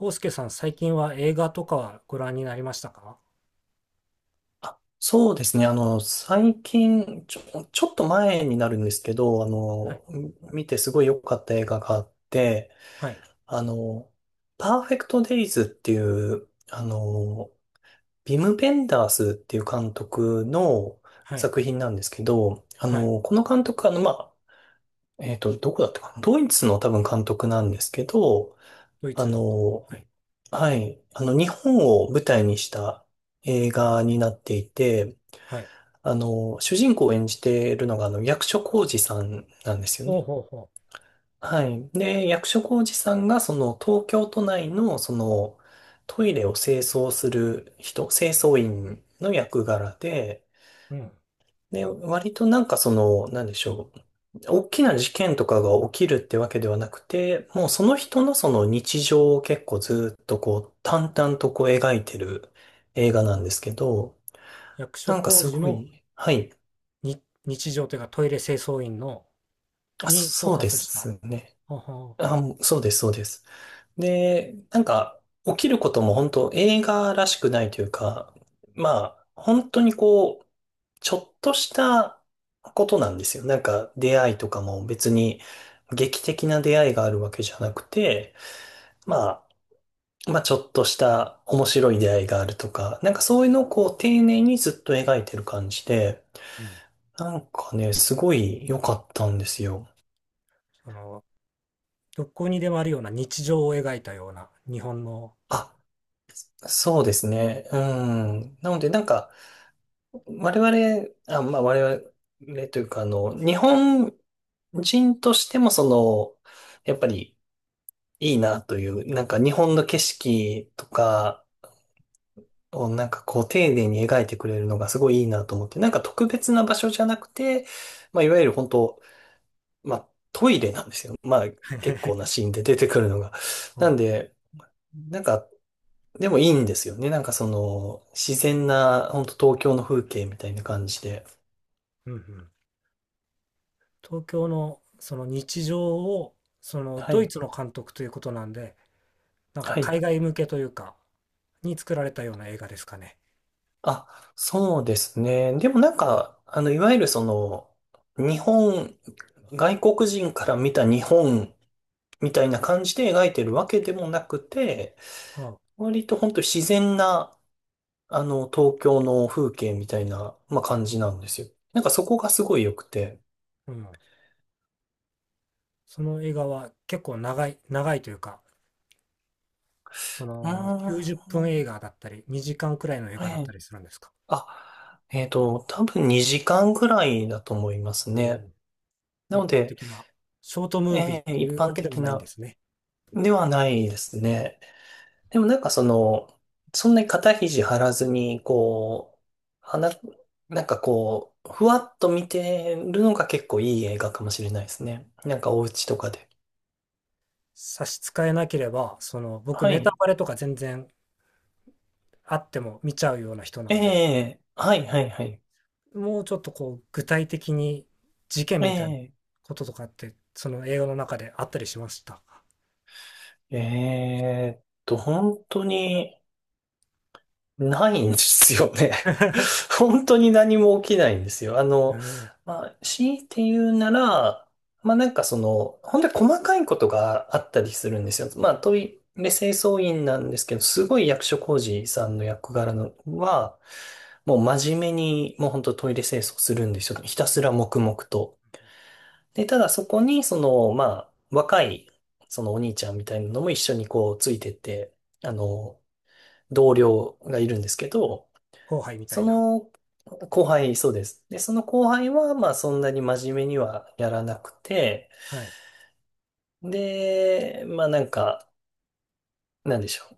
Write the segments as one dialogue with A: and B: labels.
A: 康介さん、最近は映画とかはご覧になりましたか？
B: そうですね。最近、ちょっと前になるんですけど、
A: はい、
B: 見てすごい良かった映画があって、
A: はい、
B: あの、パーフェクトデイズっていう、ビム・ベンダースっていう監督の
A: はい、
B: 作品なんですけど、
A: はい。
B: この監督、まあ、どこだったかなドイツの多分監督なんですけど、
A: ドイ
B: あ
A: ツの。
B: の、
A: はい、
B: はい、日本を舞台にした映画になっていて、
A: はい。
B: 主人公を演じているのが、役所広司さんなんですよ
A: ほう
B: ね。
A: ほうほ
B: はい。で、役所広司さんが、その、東京都内の、その、トイレを清掃する人、清掃員の役柄で、
A: う。うん、
B: で、割となんかその、なんでしょう。大きな事件とかが起きるってわけではなくて、もうその人のその日常を結構ずっとこう、淡々とこう描いてる映画な
A: うん。
B: んですけど、
A: 役所
B: なんか
A: 工
B: す
A: 事
B: ご
A: の
B: い、はい。
A: に日常というかトイレ清掃員の
B: あ、
A: にフォー
B: そう
A: カ
B: で
A: スした。
B: すね。
A: ほうほ
B: あ、もうそうです、そうです。で、なんか、起きることも本当映画らしくないというか、まあ、本当にこう、ちょっとしたことなんですよ。なんか、出会いとかも別に劇的な出会いがあるわけじゃなくて、まあ、まあ、ちょっとした面白い出会いがあるとか、なんかそういうのをこう、丁寧にずっと描いてる感じで、
A: う。うん。
B: なんかね、すごい良かったんですよ。
A: その、どこにでもあるような日常を描いたような日本の。
B: あそうですね。うん。なので、なんか、我々、あ、まあ我々というか、日本人としてもその、やっぱりいいなという、なんか日本の景色とかをなんかこう丁寧に描いてくれるのがすごいいいなと思って、なんか特別な場所じゃなくて、まあいわゆる本当、まあトイレなんですよ。まあ結構な シーンで出てくるのが。
A: う
B: な
A: ん、
B: んで、なんか、でもいいんですよね。なんかその、自然な、本当東京の風景みたいな感じで。
A: うんうん、東京のその日常を、その
B: は
A: ドイ
B: い。
A: ツの監督ということなんで、なんか
B: はい。
A: 海外向けというかに作られたような映画ですかね。
B: あ、そうですね。でもなんか、いわゆるその、日本、外国人から見た日本みたいな感じで描いてるわけでもなくて、
A: はあ、
B: 割と本当自然な、東京の風景みたいな、まあ、感じなんですよ。なんかそこがすごい良くて。
A: うん。その映画は結構長い、長いというか、そ
B: うー
A: の90分映
B: ん、
A: 画だったり、2時間くらいの映
B: え
A: 画だった
B: え、
A: りするんですか。
B: あ、多分2時間ぐらいだと思います
A: う
B: ね。
A: ん。
B: な
A: 一
B: の
A: 般
B: で、
A: 的なショートムービー
B: え
A: って
B: え、一
A: いうわ
B: 般
A: けで
B: 的
A: もないんで
B: な
A: すね。
B: ではないですね。でもなんかその、そんなに肩肘張らずに、こう、花、なんかこう、ふわっと見てるのが結構いい映画かもしれないですね。なんかお家とかで。
A: 差し支えなければ、その僕
B: は
A: ネタ
B: い。
A: バレとか全然あっても見ちゃうような人な
B: え
A: んで、
B: えはいはいはい。
A: もうちょっとこう具体的に事件みたいな
B: ええ
A: こととかって、その映画の中であったりしましたか。
B: 本当に、ないんですよね。本当に何も起きないんですよ。
A: ええ、
B: まあ、強いて言うなら、まあなんかその、本当に細かいことがあったりするんですよ。まあトイレ清掃員なんですけど、すごい役所広司さんの役柄のは、もう真面目に、もう本当トイレ清掃するんですよ。ひたすら黙々と。で、ただそこに、その、まあ、若い、そのお兄ちゃんみたいなのも一緒にこうついてって、あの、同僚がいるんですけど、
A: 後輩みた
B: そ
A: いな。
B: の後輩、そうです。で、その後輩は、まあそんなに真面目にはやらなくて、
A: はい。
B: で、まあなんか、なんでしょう。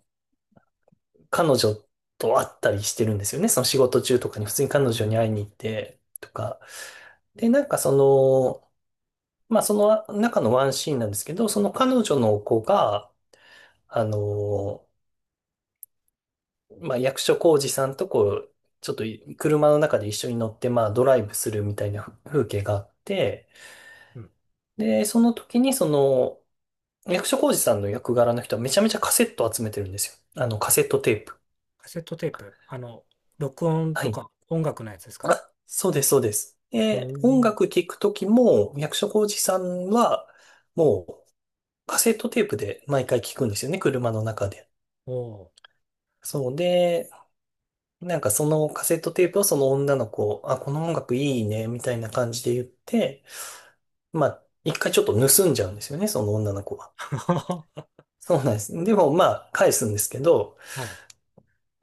B: 彼女と会ったりしてるんですよね。その仕事中とかに普通に
A: う
B: 彼女に
A: ん。
B: 会いに行ってとか。で、なんかその、まあその中のワンシーンなんですけど、その彼女の子が、あの、まあ役所広司さんとこう、ちょっと車の中で一緒に乗って、まあドライブするみたいな風景があって、
A: うん。
B: で、その時にその役所広司さんの役柄の人はめちゃめちゃカセット集めてるんですよ。あのカセットテープ。
A: カセットテープ、あの、録音
B: は
A: と
B: い。
A: か音楽のやつですか？
B: あ、そうです、そうです。
A: お
B: で、音
A: ー、
B: 楽聴く時も役所広司さんはもうカセットテープで毎回聴くんですよね、車の中で。
A: おー。
B: そうで、なんかそのカセットテープをその女の子、あ、この音楽いいね、みたいな感じで言って、まあ、一回ちょっと盗んじゃうんですよね、その女の子は。
A: お、
B: そうなんです。でもまあ、返すんですけど、
A: はい。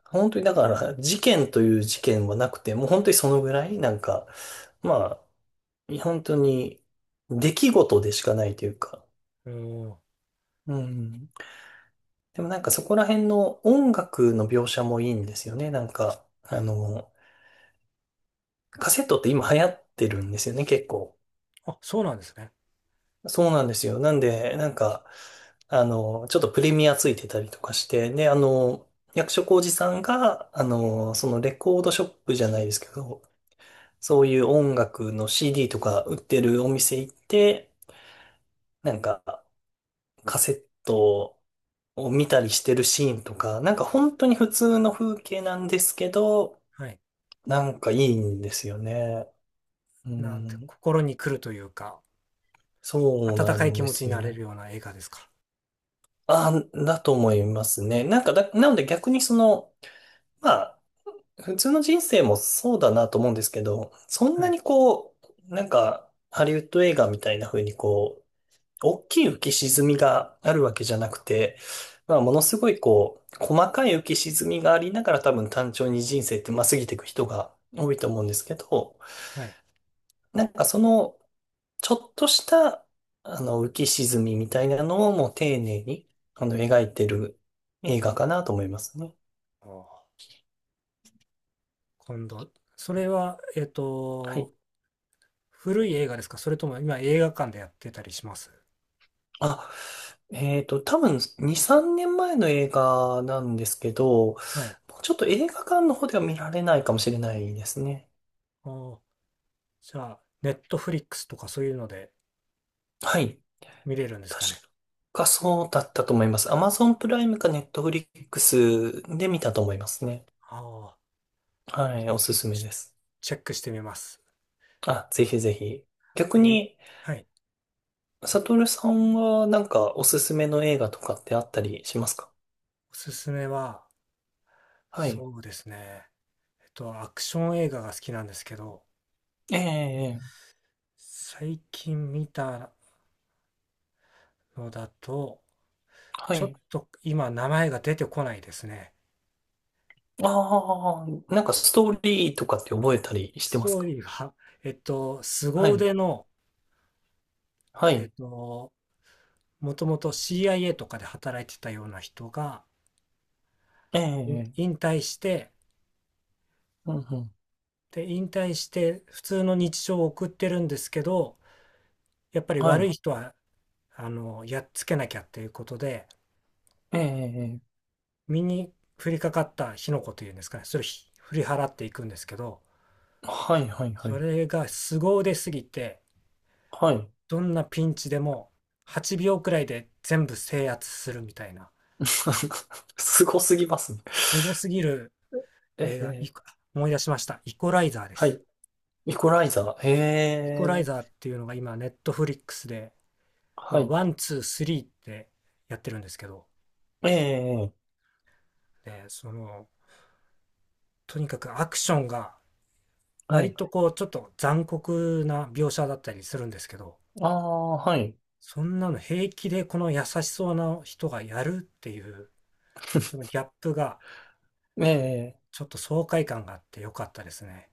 B: 本当にだから、事件という事件はなくて、もう本当にそのぐらい、なんか、まあ、本当に出来事でしかないというか、
A: お、お。
B: うん。でもなんかそこら辺の音楽の描写もいいんですよね。なんか、カセットって今流行ってるんですよね、結構。
A: あ、そうなんですね。
B: そうなんですよ。なんで、なんか、ちょっとプレミアついてたりとかして、で、役所広司さんが、そのレコードショップじゃないですけど、そういう音楽の CD とか売ってるお店行って、なんかカセットを見たりしてるシーンとか、なんか本当に普通の風景なんですけど、
A: はい。
B: なんかいいんですよね。う
A: なんて
B: ん、
A: 心に来るというか、
B: そう
A: 温
B: な
A: かい
B: ん
A: 気
B: で
A: 持ちに
B: す
A: なれ
B: よ。
A: るような映画ですか？
B: あ、だと思いますね。なんかだ、なので逆にその、まあ、普通の人生もそうだなと思うんですけど、そん
A: は
B: な
A: い、
B: にこう、なんか、ハリウッド映画みたいな風にこ大きい浮き沈みがあるわけじゃなくて、まあ、ものすごいこう、細かい浮き沈みがありながら多分単調に人生ってまあ過ぎていく人が多いと思うんですけど、
A: はい。
B: なんかその、ちょっとした、浮き沈みみたいなのをもう丁寧に、描いてる映画かなと思いますね。
A: おー、今度それは、
B: はい。
A: 古い映画ですか？それとも今映画館でやってたりします？
B: あ、多分2、3年前の映画なんですけど、も
A: はい。
B: うちょっと映画館の方では見られないかもしれないですね。
A: おー、じゃあ、ネットフリックスとかそういうので
B: はい。
A: 見れるんです
B: 確
A: かね？
B: かそうだったと思います。Amazon プライムか Netflix で見たと思いますね。
A: ああ、
B: はい、おすすめ
A: ちょ
B: です。
A: チェックしてみます。
B: あ、ぜひぜひ。逆
A: 僕い、
B: に、
A: はい。
B: サトルさんはなんかおすすめの映画とかってあったりしますか。
A: おすすめは、
B: はい。
A: そうですね。アクション映画が好きなんですけど、
B: ええ、ええ
A: 最近見たのだと、
B: は
A: ちょっ
B: い。
A: と今名前が出てこないですね。
B: ああ、なんかストーリーとかって覚えたりして
A: ス
B: ます
A: トー
B: か。
A: リーが、
B: は
A: 凄
B: い。
A: 腕の、
B: は
A: えっ
B: い。
A: と、もともと CIA とかで働いてたような人が、
B: ええ、え
A: 引
B: え
A: 退して、
B: うんうん。
A: で、引退して普通の日常を送ってるんですけど、やっぱり
B: は
A: 悪
B: い。
A: い人は、あの、やっつけなきゃっていうことで、
B: ええ、ええ
A: 身に降りかかった火の粉というんですかね、それを振り払っていくんですけど、
B: はい、はい、は
A: そ
B: い。
A: れが凄腕すぎて、
B: はい。
A: どんなピンチでも8秒くらいで全部制圧するみたいな、
B: すごすぎますね。
A: 凄すぎる
B: え
A: 映画、
B: え、
A: 思い出しました。イコライザーで
B: は
A: す。
B: い。イコライザー。へ
A: イコライザー
B: え。
A: っていうのが今、ネットフリックスで、ま
B: は
A: あ、
B: い。
A: ワン、ツー、スリーってやってるんですけど、
B: ええ。
A: で、その、とにかくアクションが、
B: は
A: 割
B: い。
A: とこう、ちょっと残酷な描写だったりするんですけど、
B: ああ、はい。
A: そんなの平気でこの優しそうな人がやるっていう、そのギャップが
B: ええ。
A: ちょっと爽快感があって良かったですね。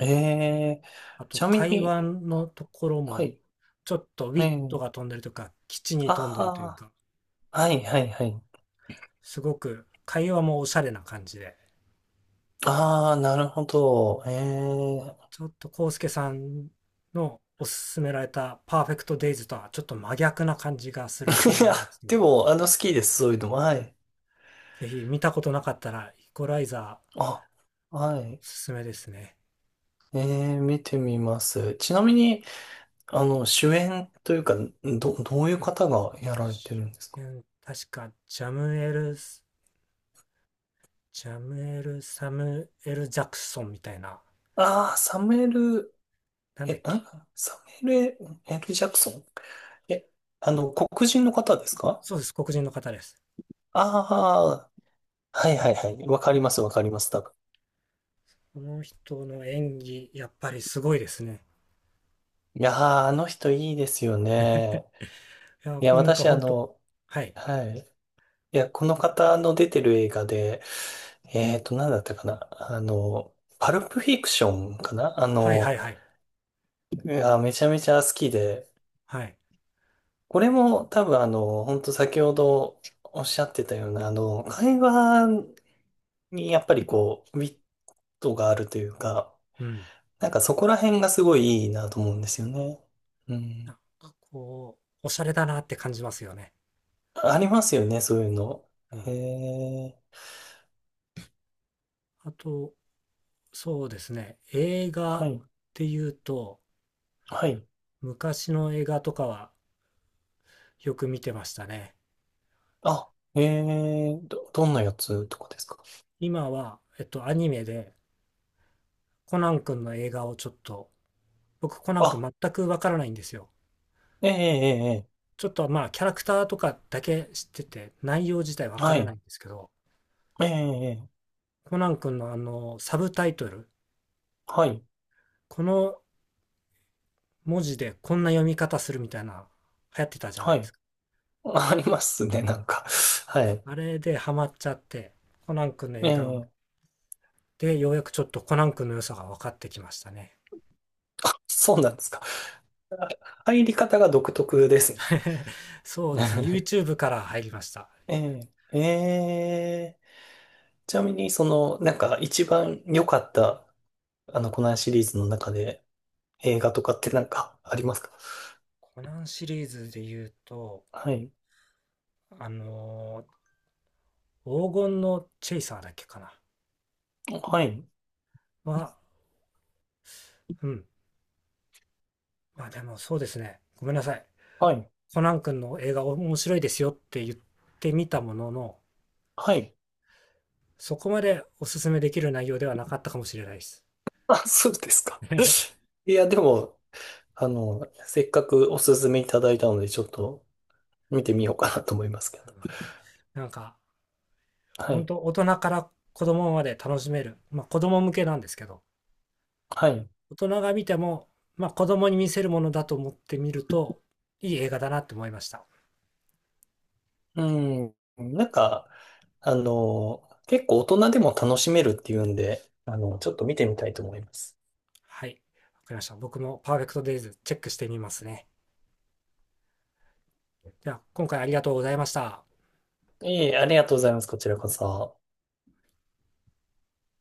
B: ええ。
A: あ
B: ち
A: と
B: なみ
A: 会
B: に、
A: 話のところ
B: は
A: も、
B: い。
A: ちょっとウ
B: え
A: ィット
B: え。
A: が飛んでるとか、基地に飛んでるという
B: あ
A: か、
B: あ、はい、はい、はい。
A: すごく会話もおしゃれな感じで、
B: ああ、なるほど。ええ。
A: ちょっとコウスケさんのおすすめられたパーフェクトデイズとはちょっと真逆な感じがする映
B: い
A: 画
B: や、
A: なんですけ
B: で
A: ど、
B: も、好きです。そういうのも。はい。
A: ぜひ見たことなかったらイコライザー
B: あ、はい。
A: おすすめですね。
B: ええ、見てみます。ちなみに、主演というか、どういう方がやられてるんですか。
A: 周辺確か、ジャムエルス、ジャムエル・サムエル・ジャクソンみたいな、
B: ああー、サムエル・
A: なんだっ
B: え、
A: け。
B: あ、サムエル L. ジャクソンえ、黒人の方ですか。
A: そうです、黒人の方です。
B: ああー、はいはいはい。わかりますわかります。多分
A: この人の演技、やっぱりすごいですね。
B: いやー、あの人いいですよね。
A: いや、
B: いや、
A: なんか
B: 私
A: 本当、はい。
B: はい。いや、この方の出てる映画で、なんだったかな。あの、パルプフィクションかなあ
A: はい
B: の、
A: はいはい。
B: いや、めちゃめちゃ好きで、
A: はい。
B: これも多分本当先ほどおっしゃってたような、会話に、やっぱりこう、ウィットがあるというか、
A: うん。
B: なんかそこら辺がすごいいいなと思うんですよね。う
A: なん
B: ん。
A: かこう、おしゃれだなって感じますよね。
B: ありますよね、そういうの。
A: う
B: へ
A: ん。
B: え、
A: あと、そうですね。映画
B: は
A: っ
B: い、
A: ていうと、
B: はい。
A: 昔の映画とかはよく見てましたね。
B: あ、ええ、どんなやつとかですか。
A: 今は、アニメで、コナン君の映画をちょっと、僕コナン君
B: あ、
A: 全くわからないんですよ。
B: ええ、ええ、え
A: ちょっとまあキャラクターとかだけ知ってて内容自体わ
B: え
A: か
B: は
A: らな
B: い、
A: いんですけど、
B: ええ、ええ
A: コナン君のあのサブタイトル、
B: はい、
A: この文字でこんな読み方するみたいな流行ってたじゃな
B: は
A: いです
B: い。
A: か。
B: ありますね、なんか。はい。
A: あれでハマっちゃって、コナン君の
B: え
A: 映画
B: え、
A: でようやくちょっとコナン君の良さが分かってきましたね。
B: あ、そうなんですか。あ入り方が独特ですね。
A: そうですね、YouTube から入りました。
B: ええ、ええちなみに、その、なんか一番良かった、コナンシリーズの中で映画とかってなんかありますか。
A: コナンシリーズで言うと、
B: はい。
A: あの黄金のチェイサーだっけかな。
B: はい。
A: は、うん。まあでもそうですね。ごめんなさい。
B: はい。
A: コナン君の映画面白いですよって言ってみたものの、
B: はい。
A: そこまでおすすめできる内容ではなかったかもしれないです。
B: あ、そうですか。いや、でも、せっかくおすすめいただいたので、ちょっと見てみようかなと思いますけど。
A: なんか、
B: は
A: 本
B: い。
A: 当大人から子供まで楽しめる。まあ子供向けなんですけど、
B: はい。
A: 大人が見ても、まあ子供に見せるものだと思ってみると、いい映画だなって思いました。
B: うん。なんか、結構大人でも楽しめるっていうんで、ちょっと見てみたいと思います。
A: はい。わかりました。僕もパーフェクトデイズチェックしてみますね。では、今回ありがとうございました。
B: いえいえ、ありがとうございます。こちらこそ。